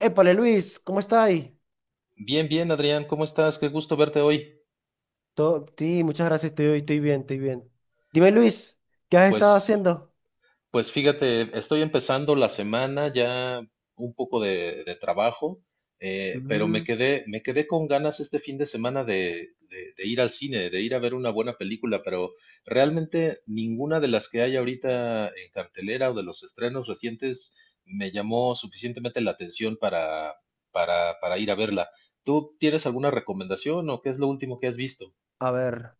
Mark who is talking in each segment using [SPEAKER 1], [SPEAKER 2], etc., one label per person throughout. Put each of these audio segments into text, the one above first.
[SPEAKER 1] Épale, Luis, ¿cómo estás ahí?
[SPEAKER 2] Bien, bien, Adrián, ¿cómo estás? Qué gusto verte hoy.
[SPEAKER 1] Sí, muchas gracias, estoy bien, estoy bien. Dime, Luis, ¿qué has estado
[SPEAKER 2] Pues,
[SPEAKER 1] haciendo?
[SPEAKER 2] pues, fíjate, estoy empezando la semana ya un poco de trabajo, pero me
[SPEAKER 1] Mm,
[SPEAKER 2] quedé, me quedé con ganas este fin de semana de ir al cine, de ir a ver una buena película, pero realmente ninguna de las que hay ahorita en cartelera o de los estrenos recientes me llamó suficientemente la atención para ir a verla. ¿Tú tienes alguna recomendación o qué es lo último que has visto?
[SPEAKER 1] a ver,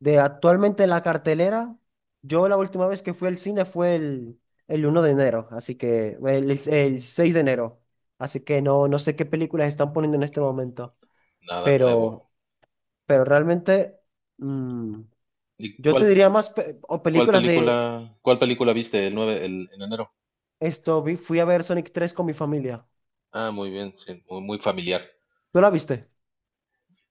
[SPEAKER 1] de actualmente la cartelera, yo la última vez que fui al cine fue el 1 de enero, así que, el 6 de enero, así que no sé qué películas están poniendo en este momento,
[SPEAKER 2] Nada nuevo.
[SPEAKER 1] pero, pero realmente, mm,
[SPEAKER 2] ¿Y
[SPEAKER 1] yo te
[SPEAKER 2] cuál
[SPEAKER 1] diría más o
[SPEAKER 2] ¿Cuál
[SPEAKER 1] películas de
[SPEAKER 2] película, cuál película viste el 9 en enero?
[SPEAKER 1] esto, fui a ver Sonic 3 con mi familia.
[SPEAKER 2] Ah, muy bien, sí, muy, muy familiar.
[SPEAKER 1] ¿Tú la viste?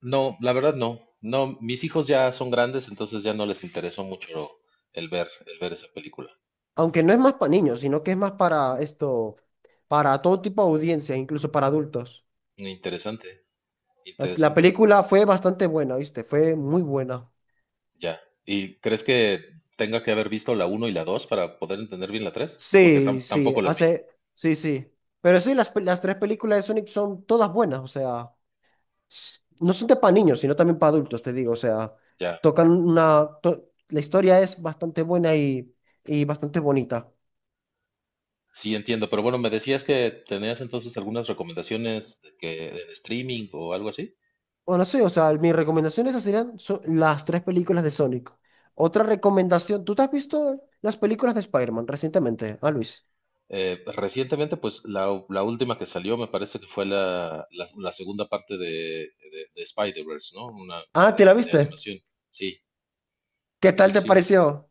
[SPEAKER 2] No, la verdad no. No, mis hijos ya son grandes, entonces ya no les interesó mucho el ver esa película.
[SPEAKER 1] Aunque no es más para niños, sino que es más para esto, para todo tipo de audiencia, incluso para adultos.
[SPEAKER 2] Interesante,
[SPEAKER 1] La
[SPEAKER 2] interesante.
[SPEAKER 1] película fue bastante buena, ¿viste? Fue muy buena.
[SPEAKER 2] Ya. ¿Y crees que tenga que haber visto la uno y la 2 para poder entender bien la tres? Porque
[SPEAKER 1] Sí,
[SPEAKER 2] tam-
[SPEAKER 1] sí,
[SPEAKER 2] tampoco las vi.
[SPEAKER 1] sí, sí. Pero sí, las tres películas de Sonic son todas buenas, o sea, no son de para niños, sino también para adultos, te digo, o sea,
[SPEAKER 2] Ya.
[SPEAKER 1] tocan la historia es bastante buena y bastante bonita.
[SPEAKER 2] Sí, entiendo. Pero bueno, me decías que tenías entonces algunas recomendaciones de que en streaming o algo así.
[SPEAKER 1] O no sé, o sea, mi recomendación esas serían las tres películas de Sonic. Otra recomendación, ¿tú te has visto las películas de Spider-Man recientemente, ah, Luis?
[SPEAKER 2] Recientemente, pues la última que salió me parece que fue la segunda parte de Spider-Verse, ¿no? Una, la
[SPEAKER 1] Ah,
[SPEAKER 2] de,
[SPEAKER 1] ¿te la
[SPEAKER 2] ani- de
[SPEAKER 1] viste?
[SPEAKER 2] animación. Sí,
[SPEAKER 1] ¿Qué
[SPEAKER 2] sí,
[SPEAKER 1] tal te
[SPEAKER 2] sí.
[SPEAKER 1] pareció?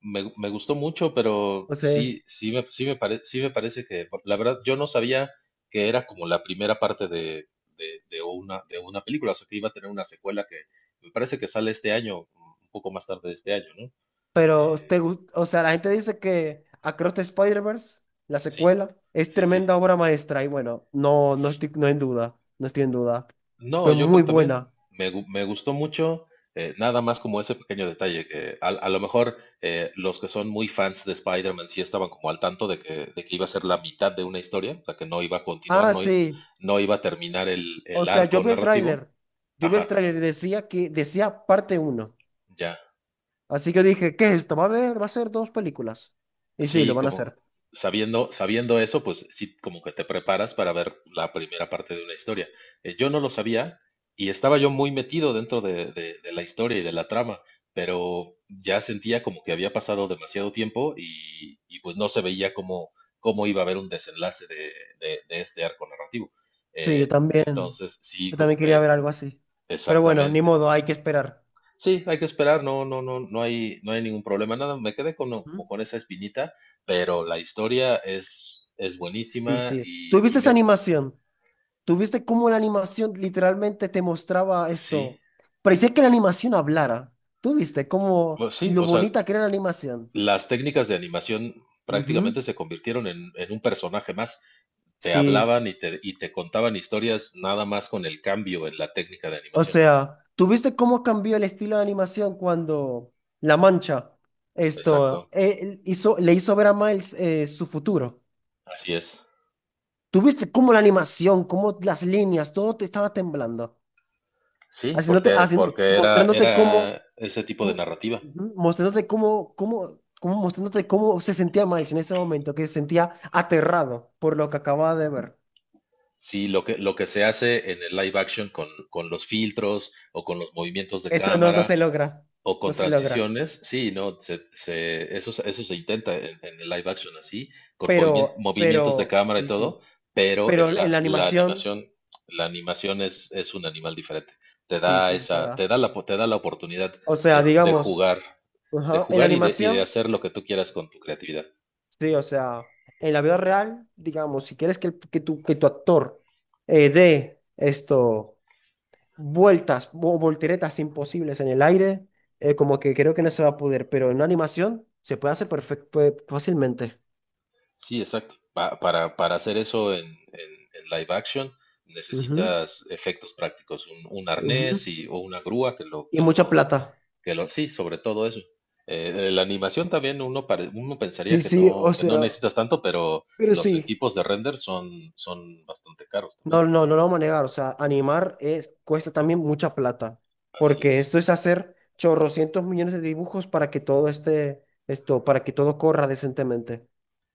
[SPEAKER 2] Me gustó mucho, pero
[SPEAKER 1] O sea,
[SPEAKER 2] sí me parece que, la verdad, yo no sabía que era como la primera parte de una película, o sea, que iba a tener una secuela que me parece que sale este año, un poco más tarde de este año, ¿no?
[SPEAKER 1] pero o sea, la gente dice que Across the Spider-Verse, la
[SPEAKER 2] Sí,
[SPEAKER 1] secuela, es
[SPEAKER 2] sí, sí.
[SPEAKER 1] tremenda obra maestra y bueno, no, no estoy, no en duda, no estoy en duda.
[SPEAKER 2] No,
[SPEAKER 1] Fue
[SPEAKER 2] yo
[SPEAKER 1] muy
[SPEAKER 2] creo también.
[SPEAKER 1] buena.
[SPEAKER 2] Me gustó mucho, nada más como ese pequeño detalle, que a lo mejor los que son muy fans de Spider-Man sí estaban como al tanto de que iba a ser la mitad de una historia, o sea, que no iba a continuar,
[SPEAKER 1] Ah,
[SPEAKER 2] no, i-
[SPEAKER 1] sí.
[SPEAKER 2] no iba a terminar el,
[SPEAKER 1] O
[SPEAKER 2] el
[SPEAKER 1] sea, yo
[SPEAKER 2] arco
[SPEAKER 1] vi el tráiler.
[SPEAKER 2] narrativo.
[SPEAKER 1] Yo vi el
[SPEAKER 2] Ajá,
[SPEAKER 1] tráiler y decía que decía parte uno.
[SPEAKER 2] ya.
[SPEAKER 1] Así que dije, ¿qué es esto? Va a ver, va a ser dos películas. Y sí, lo
[SPEAKER 2] Sí,
[SPEAKER 1] van a
[SPEAKER 2] como
[SPEAKER 1] hacer.
[SPEAKER 2] sabiendo eso, pues sí, como que te preparas para ver la primera parte de una historia. Yo no lo sabía y estaba yo muy metido dentro de la historia y de la trama, pero ya sentía como que había pasado demasiado tiempo y, pues no se veía cómo iba a haber un desenlace de este arco narrativo.
[SPEAKER 1] Sí, yo también.
[SPEAKER 2] Entonces, sí,
[SPEAKER 1] Yo
[SPEAKER 2] como
[SPEAKER 1] también quería
[SPEAKER 2] que
[SPEAKER 1] ver algo así. Pero bueno, ni
[SPEAKER 2] exactamente.
[SPEAKER 1] modo, hay que esperar.
[SPEAKER 2] Sí, hay que esperar, no, no, no, no hay ningún problema, nada, me quedé con, no, como
[SPEAKER 1] ¿Mm?
[SPEAKER 2] con esa espinita, pero la historia es
[SPEAKER 1] Sí,
[SPEAKER 2] buenísima
[SPEAKER 1] sí. ¿Tuviste esa animación? ¿Tuviste cómo la animación literalmente te mostraba
[SPEAKER 2] sí,
[SPEAKER 1] esto? Parecía que la animación hablara. ¿Tuviste cómo
[SPEAKER 2] bueno, sí,
[SPEAKER 1] lo
[SPEAKER 2] o sea,
[SPEAKER 1] bonita que era la animación?
[SPEAKER 2] las técnicas de animación
[SPEAKER 1] Ujú.
[SPEAKER 2] prácticamente se convirtieron en un personaje más, te
[SPEAKER 1] Sí.
[SPEAKER 2] hablaban y te contaban historias nada más con el cambio en la técnica de
[SPEAKER 1] O
[SPEAKER 2] animación.
[SPEAKER 1] sea, ¿tú viste cómo cambió el estilo de animación cuando La Mancha esto
[SPEAKER 2] Exacto,
[SPEAKER 1] él hizo, le hizo ver a Miles su futuro?
[SPEAKER 2] así es.
[SPEAKER 1] ¿Tú viste cómo la animación, cómo las líneas, todo te estaba temblando,
[SPEAKER 2] Sí,
[SPEAKER 1] haciéndote,
[SPEAKER 2] porque,
[SPEAKER 1] haciendo,
[SPEAKER 2] porque era,
[SPEAKER 1] mostrándote cómo,
[SPEAKER 2] era ese tipo de
[SPEAKER 1] mo-
[SPEAKER 2] narrativa.
[SPEAKER 1] ujú, mostrándote cómo, mostrándote cómo se sentía Miles en ese momento, que se sentía aterrado por lo que acababa de ver.
[SPEAKER 2] Sí, lo que se hace en el live action con los filtros o con los movimientos de
[SPEAKER 1] Eso no
[SPEAKER 2] cámara
[SPEAKER 1] se logra,
[SPEAKER 2] o
[SPEAKER 1] no
[SPEAKER 2] con
[SPEAKER 1] se logra.
[SPEAKER 2] transiciones, sí, no, eso se intenta en el live action así, con movimien- movimientos de
[SPEAKER 1] Pero,
[SPEAKER 2] cámara y
[SPEAKER 1] sí, sí.
[SPEAKER 2] todo, pero en
[SPEAKER 1] Pero en
[SPEAKER 2] la,
[SPEAKER 1] la
[SPEAKER 2] la
[SPEAKER 1] animación.
[SPEAKER 2] animación, la animación es un animal diferente. Te
[SPEAKER 1] Sí,
[SPEAKER 2] da
[SPEAKER 1] sí, o
[SPEAKER 2] esa,
[SPEAKER 1] sea,
[SPEAKER 2] te da la, po- te da la oportunidad de, de
[SPEAKER 1] digamos,
[SPEAKER 2] jugar, de
[SPEAKER 1] ajá, en la
[SPEAKER 2] jugar y de
[SPEAKER 1] animación,
[SPEAKER 2] hacer lo que tú quieras con tu creatividad.
[SPEAKER 1] sí, o sea, en la vida real, digamos, si quieres que tu actor dé esto, vueltas o volteretas imposibles en el aire, como que creo que no se va a poder, pero en una animación se puede hacer perfecto, fácilmente.
[SPEAKER 2] Sí, exacto. Para hacer eso en live action
[SPEAKER 1] Ujú,
[SPEAKER 2] necesitas efectos prácticos, un arnés
[SPEAKER 1] ujú.
[SPEAKER 2] y, o una grúa
[SPEAKER 1] Y mucha plata.
[SPEAKER 2] sí, sobre todo eso. La animación también uno pensaría
[SPEAKER 1] Sí,
[SPEAKER 2] que
[SPEAKER 1] sí, o
[SPEAKER 2] no, que no
[SPEAKER 1] sea,
[SPEAKER 2] necesitas tanto, pero
[SPEAKER 1] pero
[SPEAKER 2] los
[SPEAKER 1] sí.
[SPEAKER 2] equipos de render son bastante caros también.
[SPEAKER 1] No, no, no lo vamos a negar. O sea, animar es, cuesta también mucha plata.
[SPEAKER 2] Así
[SPEAKER 1] Porque
[SPEAKER 2] es.
[SPEAKER 1] esto es hacer chorrocientos millones de dibujos para que todo esté, esto, para que todo corra decentemente.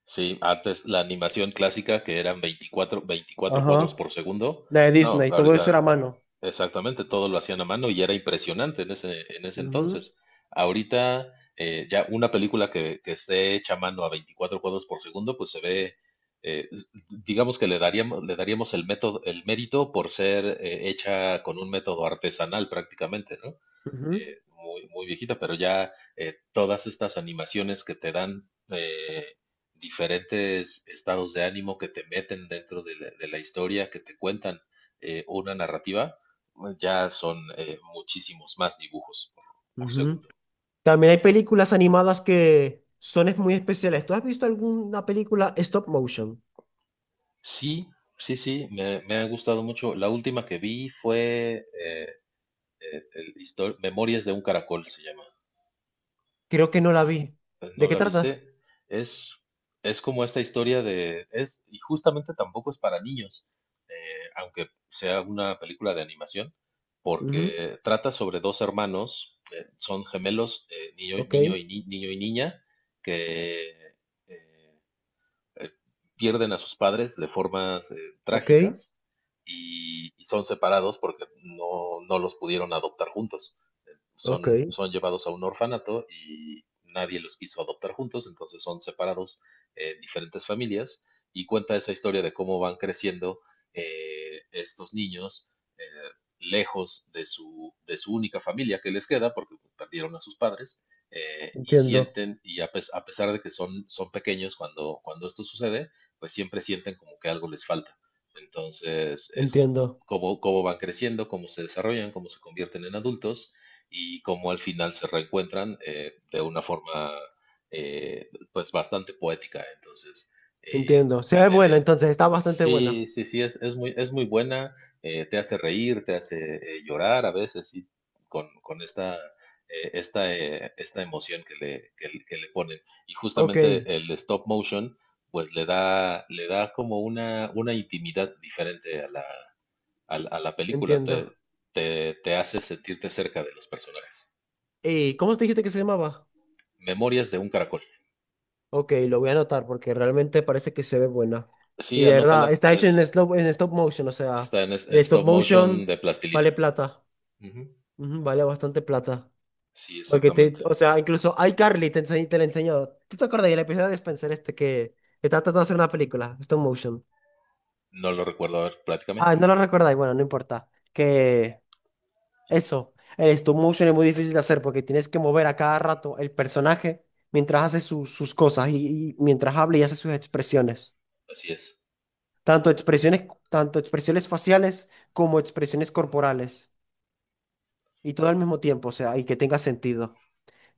[SPEAKER 2] Sí, antes la animación clásica que eran 24 cuadros
[SPEAKER 1] Ajá.
[SPEAKER 2] por segundo.
[SPEAKER 1] La de
[SPEAKER 2] No,
[SPEAKER 1] Disney, todo eso era a
[SPEAKER 2] ahorita.
[SPEAKER 1] mano.
[SPEAKER 2] Exactamente, todo lo hacían a mano y era impresionante en ese
[SPEAKER 1] Ujú,
[SPEAKER 2] entonces. Ahorita ya una película que esté hecha a mano a 24 cuadros por segundo, pues se ve, eh, s- digamos que le daríamos el método, el mérito por ser hecha con un método artesanal prácticamente, ¿no?
[SPEAKER 1] ujú,
[SPEAKER 2] Muy, muy viejita, pero ya todas estas animaciones que te dan diferentes estados de ánimo, que te meten dentro de la historia, que te cuentan una narrativa ya son muchísimos más dibujos por
[SPEAKER 1] ujú.
[SPEAKER 2] segundo.
[SPEAKER 1] También hay películas animadas que son es muy especiales. ¿Tú has visto alguna película stop motion?
[SPEAKER 2] Sí, sí, sí, me ha gustado mucho. La última que vi fue Memorias de un caracol, se llama.
[SPEAKER 1] Creo que no la vi. ¿De
[SPEAKER 2] ¿No
[SPEAKER 1] qué
[SPEAKER 2] la
[SPEAKER 1] trata?
[SPEAKER 2] viste? Es, es como esta historia de. Y justamente tampoco es para niños, aunque sea una película de animación,
[SPEAKER 1] Ujú,
[SPEAKER 2] porque trata sobre dos hermanos, son gemelos, niño,
[SPEAKER 1] ok,
[SPEAKER 2] niño y, ni- niño y niña, que... eh, eh, pierden a sus padres de formas
[SPEAKER 1] ok,
[SPEAKER 2] trágicas y son separados porque no los pudieron adoptar juntos.
[SPEAKER 1] ok.
[SPEAKER 2] Son llevados a un orfanato y nadie los quiso adoptar juntos, entonces son separados en diferentes familias y cuenta esa historia de cómo van creciendo estos niños, eh, lejos de su única familia que les queda, porque perdieron a sus padres, y
[SPEAKER 1] Entiendo,
[SPEAKER 2] sienten, a pesar de que son pequeños cuando, cuando esto sucede, pues siempre sienten como que algo les falta. Entonces es
[SPEAKER 1] entiendo.
[SPEAKER 2] cómo cómo van creciendo, cómo se desarrollan, cómo se convierten en adultos y cómo al final se reencuentran de una forma pues bastante poética. Entonces, eh,
[SPEAKER 1] Entiendo. Se ve buena,
[SPEAKER 2] media-
[SPEAKER 1] entonces está bastante buena.
[SPEAKER 2] sí, sí, sí, es muy buena, te hace reír, te hace llorar a veces, sí, con esta, esta, esta emoción que le ponen. Y
[SPEAKER 1] Ok,
[SPEAKER 2] justamente el stop motion, pues le da como una intimidad diferente a la película, te,
[SPEAKER 1] entiendo.
[SPEAKER 2] te, te hace sentirte cerca de los personajes.
[SPEAKER 1] ¿Y cómo te dijiste que se llamaba?
[SPEAKER 2] Memorias de un caracol.
[SPEAKER 1] Ok, lo voy a anotar porque realmente parece que se ve buena.
[SPEAKER 2] Sí,
[SPEAKER 1] Y de verdad,
[SPEAKER 2] anótala.
[SPEAKER 1] está hecho en stop motion, o sea,
[SPEAKER 2] Está en
[SPEAKER 1] el stop
[SPEAKER 2] stop motion
[SPEAKER 1] motion
[SPEAKER 2] de plastilina.
[SPEAKER 1] vale plata.
[SPEAKER 2] Ujú.
[SPEAKER 1] Ujú, vale bastante plata.
[SPEAKER 2] Sí,
[SPEAKER 1] Porque
[SPEAKER 2] exactamente.
[SPEAKER 1] o sea, incluso iCarly te enseñó, te la enseñó. ¿Tú te acuerdas del episodio de Spencer este que está tratando de hacer una película, stop motion?
[SPEAKER 2] No lo recuerdo. A ver, platícame.
[SPEAKER 1] Ah, no lo recordáis, bueno, no importa. Que Eso, el stop motion es muy difícil de hacer porque tienes que mover a cada rato el personaje mientras hace sus cosas y mientras habla y hace sus expresiones.
[SPEAKER 2] Así es.
[SPEAKER 1] Tanto expresiones, tanto expresiones faciales como expresiones corporales. Y todo al mismo tiempo, o sea, y que tenga sentido.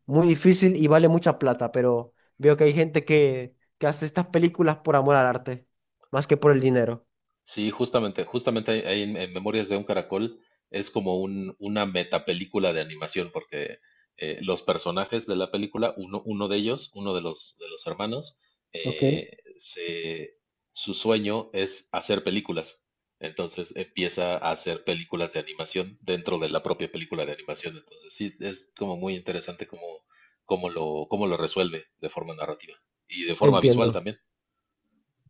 [SPEAKER 1] Muy difícil y vale mucha plata, pero veo que hay gente que hace estas películas por amor al arte, más que por el dinero.
[SPEAKER 2] Sí, justamente ahí en Memorias de un Caracol es como una metapelícula de animación, porque los personajes de la película, uno de los hermanos,
[SPEAKER 1] Ok.
[SPEAKER 2] eh, se, su sueño es hacer películas. Entonces empieza a hacer películas de animación dentro de la propia película de animación. Entonces sí, es como muy interesante cómo lo resuelve de forma narrativa y de forma visual
[SPEAKER 1] Entiendo.
[SPEAKER 2] también.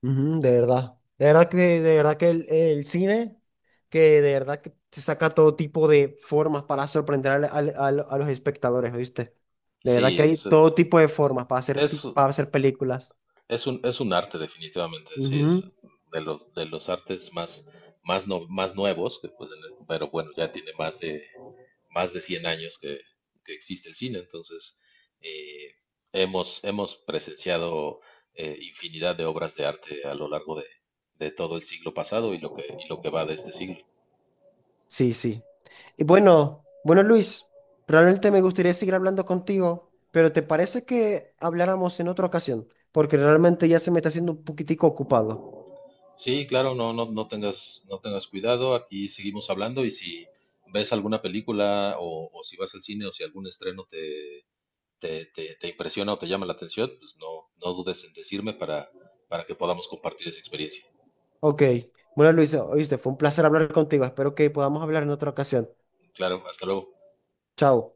[SPEAKER 1] Ujú, de verdad. De verdad que el cine, que de verdad que te saca todo tipo de formas para sorprender a los espectadores, ¿viste? De verdad
[SPEAKER 2] Sí,
[SPEAKER 1] que hay
[SPEAKER 2] es,
[SPEAKER 1] todo tipo de formas para
[SPEAKER 2] es
[SPEAKER 1] hacer películas.
[SPEAKER 2] es un arte definitivamente, sí, es
[SPEAKER 1] Ujú,
[SPEAKER 2] de los artes más, más nuevos, que, pues, pero bueno, ya tiene más de 100 años que existe el cine, entonces eh, hemos presenciado infinidad de obras de arte a lo largo de todo el siglo pasado y lo que va de este siglo.
[SPEAKER 1] sí, sí. Y bueno, bueno, Luis, realmente me gustaría seguir hablando contigo, pero ¿te parece que habláramos en otra ocasión? Porque realmente ya se me está haciendo un poquitico ocupado.
[SPEAKER 2] Sí, claro, no, no tengas cuidado, aquí seguimos hablando y si ves alguna película o si vas al cine o si algún estreno te impresiona o te llama la atención, pues no dudes en decirme para que podamos compartir esa experiencia.
[SPEAKER 1] Ok. Bueno, Luis, oíste, fue un placer hablar contigo. Espero que podamos hablar en otra ocasión.
[SPEAKER 2] Claro, hasta luego.
[SPEAKER 1] Chao.